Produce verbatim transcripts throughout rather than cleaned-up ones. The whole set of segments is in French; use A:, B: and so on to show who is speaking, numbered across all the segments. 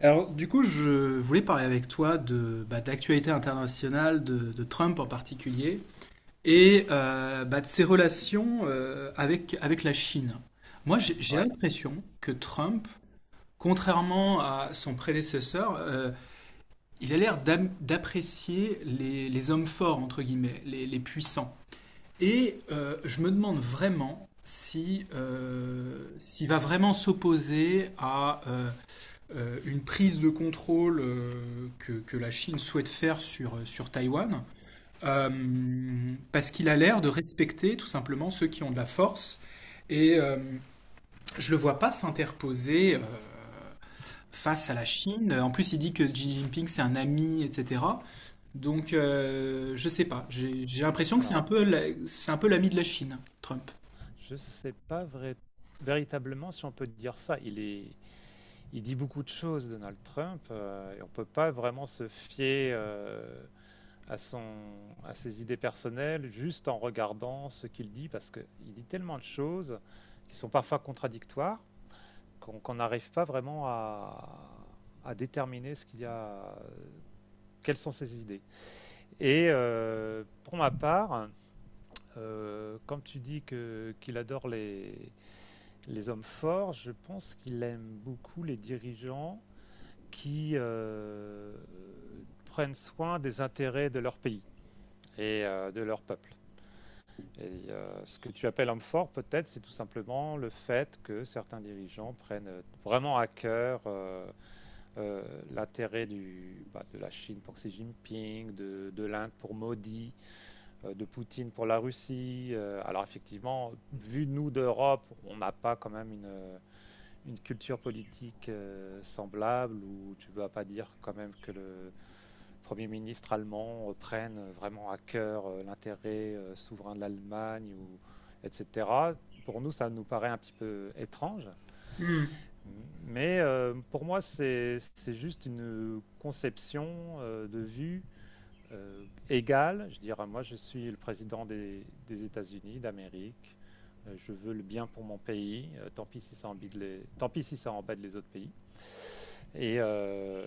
A: Alors, du coup, je voulais parler avec toi de bah, d'actualité internationale, de, de Trump en particulier, et euh, bah, de ses relations euh, avec, avec la Chine. Moi, j'ai j'ai
B: Ouais.
A: l'impression que Trump, contrairement à son prédécesseur, euh, il a l'air d'am- d'apprécier les, les hommes forts, entre guillemets, les, les puissants. Et euh, je me demande vraiment si, euh, s'il va vraiment s'opposer à... euh, euh, une prise de contrôle euh, que, que la Chine souhaite faire sur, euh, sur Taïwan, euh, parce qu'il a l'air de respecter tout simplement ceux qui ont de la force, et euh, je le vois pas s'interposer euh, face à la Chine. En plus, il dit que Xi Jinping c'est un ami, et cetera. Donc, euh, je sais pas. J'ai j'ai l'impression que c'est
B: Alors,
A: un peu la- c'est un peu l'ami de la Chine, Trump.
B: je sais pas vrai- véritablement si on peut dire ça. Il est, il dit beaucoup de choses, Donald Trump, euh, et on peut pas vraiment se fier euh, à son, à ses idées personnelles juste en regardant ce qu'il dit, parce que il dit tellement de choses qui sont parfois contradictoires qu'on qu'on n'arrive pas vraiment à, à déterminer ce qu'il y a, quelles sont ses idées. Et euh, pour ma part, euh, quand tu dis que qu'il adore les Les hommes forts, je pense qu'il aime beaucoup les dirigeants qui euh, prennent soin des intérêts de leur pays et euh, de leur peuple. Et euh, ce que tu appelles homme fort, peut-être, c'est tout simplement le fait que certains dirigeants prennent euh, vraiment à cœur euh, euh, l'intérêt du- bah, de la Chine pour Xi Jinping, de, de l'Inde pour Modi, euh, de Poutine pour la Russie. Euh, alors effectivement, vu nous d'Europe, on n'a pas quand même une, une culture politique euh, semblable où tu ne vas pas dire quand même que le Premier ministre allemand euh, prenne vraiment à cœur euh, l'intérêt euh, souverain de l'Allemagne, ou, et cetera. Pour nous, ça nous paraît un petit peu étrange.
A: Hmm,
B: Mais euh, pour moi, c'est juste une conception euh, de vue euh, égale. Je dirais, moi, je suis le président des, des États-Unis, d'Amérique. Euh, je veux le bien pour mon pays. Euh, tant pis si ça embête les, tant pis si ça embête les autres pays et euh,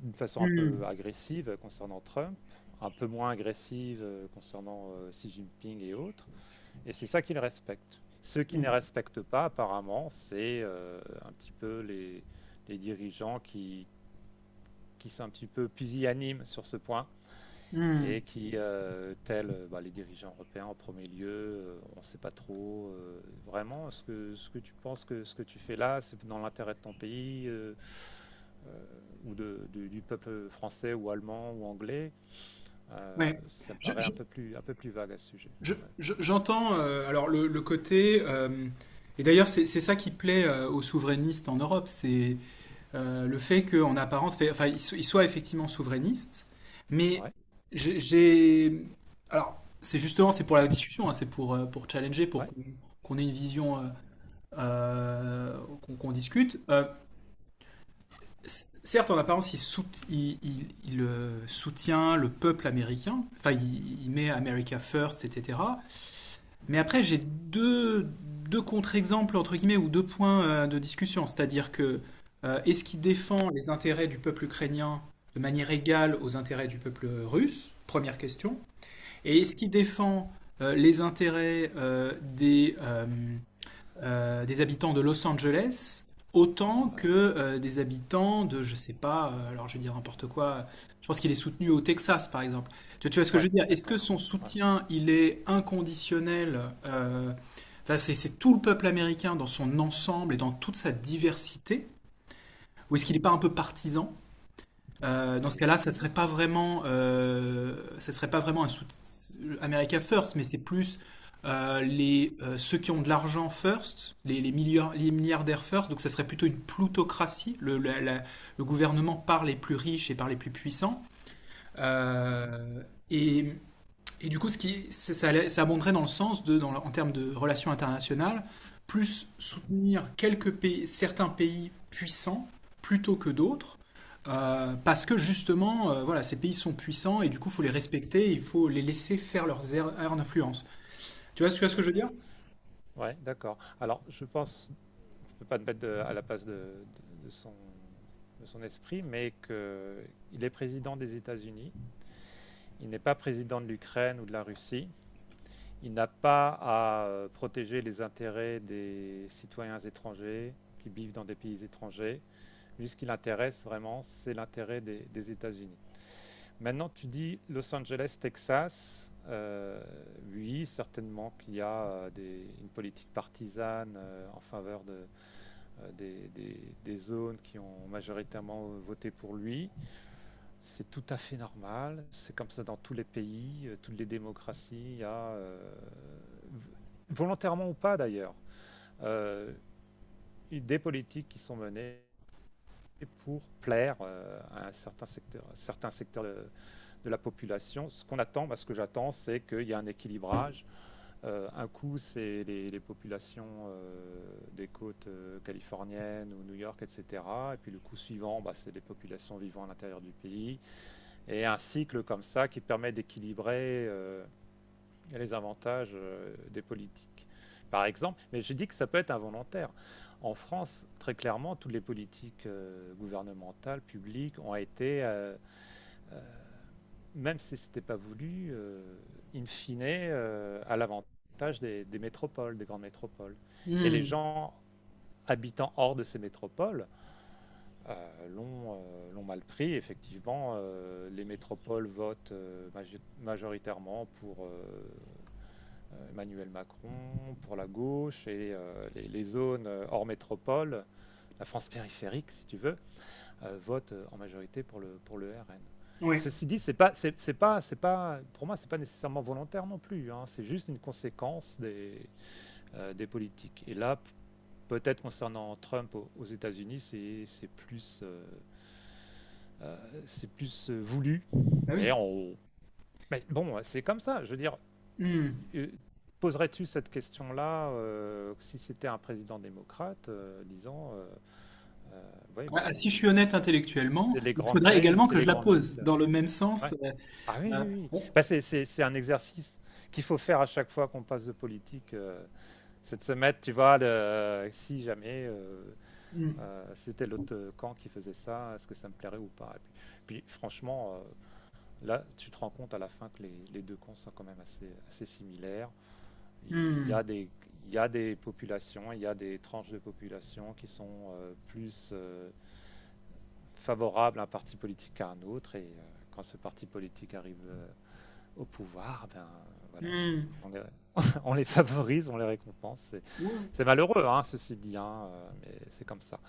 B: d'une façon un
A: hmm,
B: peu agressive concernant Trump, un peu moins agressive euh, concernant euh, Xi Jinping et autres. Et c'est ça qu'ils respectent. Ceux qui ne
A: hmm,
B: respectent pas, apparemment, c'est euh, un petit peu les, les dirigeants qui, qui sont un petit peu pusillanimes sur ce point
A: hmm.
B: et qui, euh, tels euh, bah, les dirigeants européens en premier lieu, euh, on ne sait pas trop euh, vraiment ce que, ce que tu penses que ce que tu fais là, c'est dans l'intérêt de ton pays euh, euh, ou de, du, du peuple français ou allemand ou anglais. Euh,
A: Ouais.
B: ça me paraît un peu plus, un peu plus vague à ce sujet.
A: J'entends
B: Ouais,
A: je, je, J'entends euh, alors le, le côté euh, et d'ailleurs c'est c'est ça qui plaît euh, aux souverainistes en Europe, c'est euh, le fait qu'en apparence, fait- enfin ils so- ils soient effectivement souverainistes, mais
B: ouais,
A: j'ai j'ai- alors c'est justement c'est pour la discussion, hein, c'est pour euh, pour challenger, pour
B: ouais,
A: qu'on qu'on ait une vision euh, euh, qu'on qu'on discute. Euh, c- certes en apparence il, sout il, il- il, euh, soutient le peuple américain, enfin il, il met America First, et cetera. Mais après, j'ai deux, deux contre-exemples, entre guillemets, ou deux points euh, de discussion. C'est-à-dire que euh, est-ce qu'il défend les intérêts du peuple ukrainien de manière égale aux intérêts du peuple russe? Première question. Et
B: ouais,
A: est-ce qu'il défend euh, les intérêts euh, des, euh, euh, des habitants de Los Angeles autant que
B: ouais,
A: euh, des habitants de, je sais pas, euh, alors je vais dire n'importe quoi, je pense qu'il est soutenu au Texas par exemple. Tu, tu vois ce que je
B: ouais,
A: veux dire? Est-ce que
B: d'accord.
A: son
B: Ouais,
A: soutien, il est inconditionnel? euh, enfin, c'est c'est tout le peuple américain dans son ensemble et dans toute sa diversité? Ou est-ce qu'il
B: ouais.
A: n'est pas un peu partisan? Euh, dans
B: Ah,
A: ce
B: les
A: cas-là, ça serait
B: partisans.
A: pas vraiment, euh, ça serait pas vraiment un sout- America First, mais c'est plus euh, les euh, ceux qui ont de l'argent first, les, les, milliard- les milliardaires first. Donc ça serait plutôt une plutocratie. Le, la- la- le gouvernement par les plus riches et par les plus puissants.
B: Mhm.
A: Euh, et et du coup, ce qui, ça, ça abonderait dans le sens de, dans en termes de relations internationales, plus soutenir quelques pays, certains pays puissants plutôt que d'autres, euh, parce que justement, euh, voilà, ces pays sont puissants et du coup, il faut les respecter, il faut les laisser faire leurs aires aires d'influence. Tu vois, ce- tu vois ce que je veux dire?
B: D'accord. Ouais, d'accord. Alors, je pense ne peut pas te mettre de- à la place de, de- de son, de son esprit, mais qu'il est président des États-Unis, il n'est pas président de l'Ukraine ou de la Russie, il n'a pas à euh, protéger les intérêts des citoyens étrangers qui vivent dans des pays étrangers. Lui, ce qui l'intéresse vraiment, c'est l'intérêt des, des États-Unis. Maintenant, tu dis Los Angeles, Texas. Euh, oui, certainement qu'il y a euh, des- une politique partisane euh, en faveur de, euh, des, des- des zones qui ont majoritairement voté pour lui. C'est tout à fait normal. C'est comme ça dans tous les pays, euh, toutes les démocraties. Il y a, euh, volontairement ou pas d'ailleurs, euh, des politiques qui sont menées pour plaire euh, à un certain secteur, à certains secteurs de, de la population. Ce qu'on attend, bah, ce que j'attends, c'est qu'il y a un équilibrage. Heu, un coup, c'est les les populations, heu, des côtes, heu, californiennes ou New York et cetera, et puis le coup suivant, bah, c'est les populations vivant à l'intérieur du pays et un cycle comme ça qui permet d'équilibrer, heu, les avantages, heu, des politiques. Par exemple, mais j'ai dit que ça peut être involontaire. En France, très clairement, toutes les politiques, heu, gouvernementales, publiques ont été, heu, même si c'était pas voulu, euh, in fine, euh, à l'avantage des, des métropoles, des grandes métropoles. Et les
A: Hmm.
B: gens habitant hors de ces métropoles euh, l'ont euh, mal pris. Effectivement, euh, les métropoles votent euh, majoritairement pour euh, Emmanuel Macron, pour la gauche, et euh, les, les zones euh, hors métropole, la France périphérique si tu veux, euh, votent en majorité pour le, pour le R N.
A: Oui,
B: Ceci dit, c'est pas, c'est, c'est pas, c'est pas, pour moi, c'est pas nécessairement volontaire non plus, hein. C'est juste une conséquence des, euh, des politiques. Et là, peut-être concernant Trump au- aux États-Unis, c'est, c'est plus, euh, euh, c'est plus euh, voulu.
A: bah oui.
B: Mais on, mais bon, c'est comme ça. Je veux dire,
A: Hmm.
B: euh, poserais-tu cette question-là euh, si c'était un président démocrate, euh, disant, euh, euh, ouais, bah
A: Ah, si je
B: les,
A: suis honnête intellectuellement,
B: c'est les
A: il
B: grandes
A: faudrait
B: villes,
A: également
B: c'est
A: que je
B: les
A: la
B: grandes
A: pose
B: villes.
A: dans le même
B: Ouais.
A: sens. euh,
B: Ah oui,
A: euh,
B: oui, oui.
A: bon.
B: Bah, c'est, c'est, c'est un exercice qu'il faut faire à chaque fois qu'on passe de politique. Euh, c'est de se mettre, tu vois, le- si jamais euh,
A: Hmm.
B: euh, c'était l'autre camp qui faisait ça, est-ce que ça me plairait ou pas? Et puis, puis, franchement, euh, là, tu te rends compte à la fin que les, les deux camps sont quand même assez, assez similaires. Il
A: Hmm.
B: y a des, il y a des populations, il y a des tranches de population qui sont euh, plus euh, favorables à un parti politique qu'à un autre. Et euh, quand ce parti politique arrive euh, au pouvoir, ben voilà, quoi.
A: Hmm.
B: On, les, on les favorise, on les récompense.
A: Ouais.
B: C'est- malheureux, hein, ceci dit, hein, euh, mais c'est comme ça.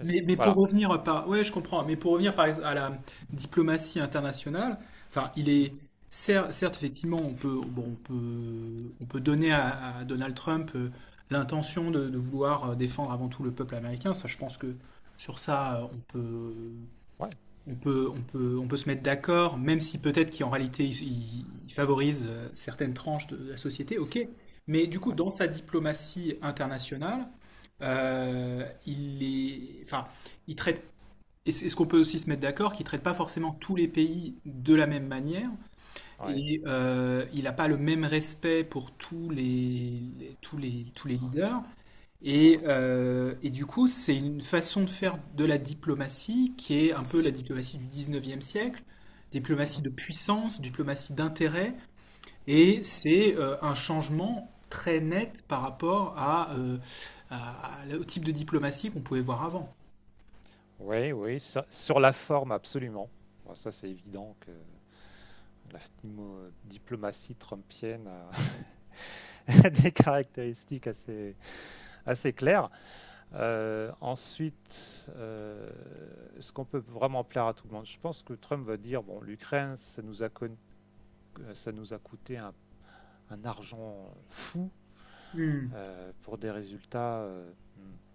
B: Euh,
A: Mais, mais pour
B: Voilà.
A: revenir par, ouais, je comprends. Mais pour revenir par ex- à la diplomatie internationale, enfin, il est cer- certes, effectivement, on peut, bon, on peut, on peut donner à, à Donald Trump euh, l'intention de, de vouloir euh, défendre avant tout le peuple américain. Ça, je pense que sur ça, euh, on peut,
B: Ouais,
A: on peut, on peut, on peut se mettre d'accord, même si peut-être qu'en réalité, il, il favorise euh, certaines tranches de la société, ok. Mais du coup,
B: ouais,
A: dans sa diplomatie internationale, euh, il est, enfin, il traite. Et c'est- est-ce qu'on peut aussi se mettre d'accord qu'il ne traite pas forcément tous les pays de la même manière
B: ouais,
A: et euh, il n'a pas le même respect pour tous les, les- tous les, tous les
B: ouais,
A: leaders et,
B: ouais.
A: euh, et du coup, c'est une façon de faire de la diplomatie qui est un peu la diplomatie du dix-neuvième siècle, diplomatie
B: Mhm,
A: de puissance, diplomatie d'intérêt, et
B: ouais.
A: c'est euh, un changement très net par rapport à, euh, à- à- au type de diplomatie qu'on pouvait voir avant.
B: Ouais, oui, sur, sur la forme, absolument. Bon, ça, c'est évident que la diplomatie trumpienne a des caractéristiques assez, assez claires. Euh, ensuite, euh, est-ce qu'on peut vraiment plaire à tout le monde? Je pense que Trump va dire, bon, l'Ukraine, ça nous a con- ça nous a coûté un, un argent fou
A: Hmm,
B: euh, pour des résultats euh,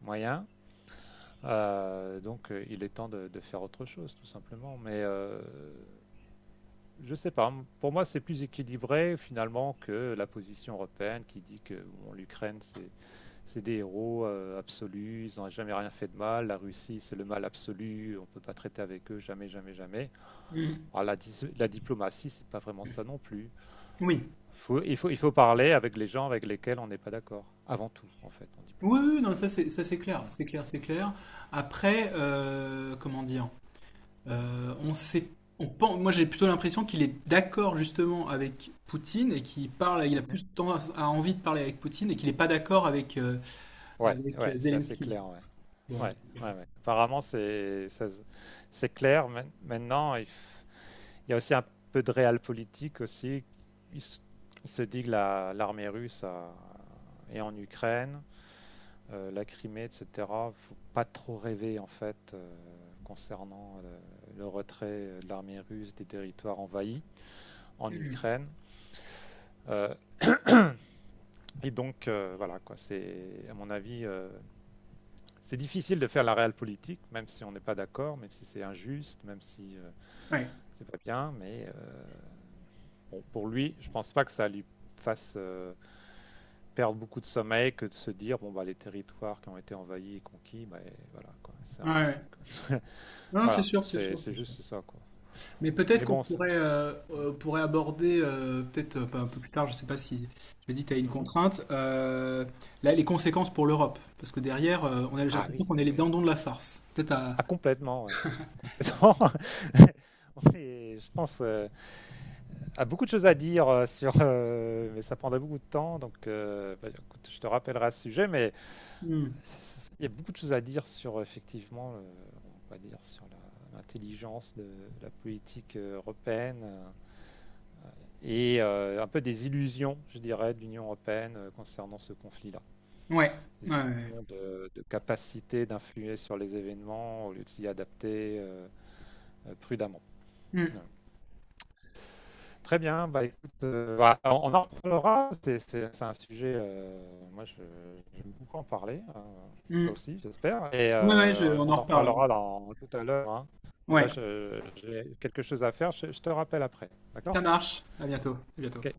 B: moyens. Euh, donc euh, il est temps de, de, faire autre chose, tout simplement. Mais euh, je sais pas. Pour moi, c'est plus équilibré finalement que la position européenne qui dit que bon, l'Ukraine c'est des héros euh, absolus, ils n'ont jamais rien fait de mal. La Russie c'est le mal absolu, on ne peut pas traiter avec eux jamais, jamais, jamais.
A: hmm.
B: Alors, la, la diplomatie c'est pas vraiment ça non plus.
A: Oui.
B: Faut- il, faut, il faut parler avec les gens avec lesquels on n'est pas d'accord, avant tout, en fait, en
A: Oui,
B: diplomatie.
A: oui, non, ça c'est ça, c'est clair,
B: Mm.
A: c'est clair, c'est clair. Après, euh, comment dire? Euh, on sait, on pense, moi j'ai plutôt l'impression qu'il est d'accord justement avec Poutine et qu'il parle, il a
B: Mhm.
A: plus tendance à envie de parler avec Poutine et qu'il n'est pas d'accord avec, euh,
B: Ouais,
A: avec
B: ouais,
A: euh,
B: c'est assez
A: Zelensky.
B: clair, ouais. Ouais, ouais, ouais. Apparemment, c'est ça, c'est clair. Maintenant, il, f- il y a aussi un peu de réel politique aussi. Il, s- il se dit que la- l'armée russe a- est en Ukraine, euh, la Crimée, et cetera. Faut pas trop rêver, en fait, euh, concernant le, le retrait de l'armée russe des territoires envahis en Ukraine. Euh, Et donc, euh, voilà, quoi, c'est, à mon avis, euh, c'est difficile de faire la réelle politique, même si on n'est pas d'accord, même si c'est injuste, même si euh,
A: Ouais,
B: c'est pas bien. Mais euh, bon, pour lui, je pense pas que ça lui fasse euh, perdre beaucoup de sommeil que de se dire, bon, bah, les territoires qui ont été envahis et conquis, bah, et voilà, quoi, c'est
A: ouais,
B: en
A: ouais.
B: Russie, quoi.
A: Non, c'est
B: Voilà,
A: sûr, c'est
B: c'est,
A: sûr,
B: c'est
A: c'est sûr.
B: juste ça, quoi.
A: Mais peut-être
B: Mais
A: qu'on
B: bon, c'est-
A: pourrait, euh, euh, pourrait aborder, euh, peut-être euh, un peu plus tard, je sais pas si je me dis que tu as une
B: Mhm.
A: contrainte, euh, là, les conséquences pour l'Europe. Parce que derrière, euh, on a, j'ai
B: Ah
A: l'impression
B: oui,
A: qu'on est
B: oui,
A: les
B: oui.
A: dindons de la farce. Peut-être à.
B: Ah, complètement, ouais. Complètement. On je pense. euh, a beaucoup de choses à dire euh, sur, euh, mais ça prendrait beaucoup de temps, donc euh, bah, écoute, je te rappellerai à ce sujet, mais
A: Hmm.
B: il y a beaucoup de choses à dire sur effectivement, le- on va dire sur la- l'intelligence de la politique euh, européenne euh, et euh, un peu des illusions, je dirais, de l'Union européenne euh, concernant ce conflit-là.
A: Ouais,
B: Des
A: ouais, ouais.
B: illusions de, de capacité d'influer sur les événements au lieu de s'y adapter euh, euh, prudemment.
A: Ouais.
B: Ouais. Très bien, bah écoute, euh, voilà, on on en reparlera, c'est- un sujet, euh, moi je- j'aime beaucoup en parler, euh,
A: Hmm.
B: toi
A: Hmm.
B: aussi j'espère, et
A: Ouais, ouais, je-
B: euh,
A: on
B: on
A: en
B: en
A: reparle.
B: reparlera dans, tout à l'heure, hein. Et là
A: Ouais,
B: je- j'ai quelque chose à faire, je, je te rappelle après, d'accord?
A: ça marche. À bientôt. À bientôt.
B: Ok.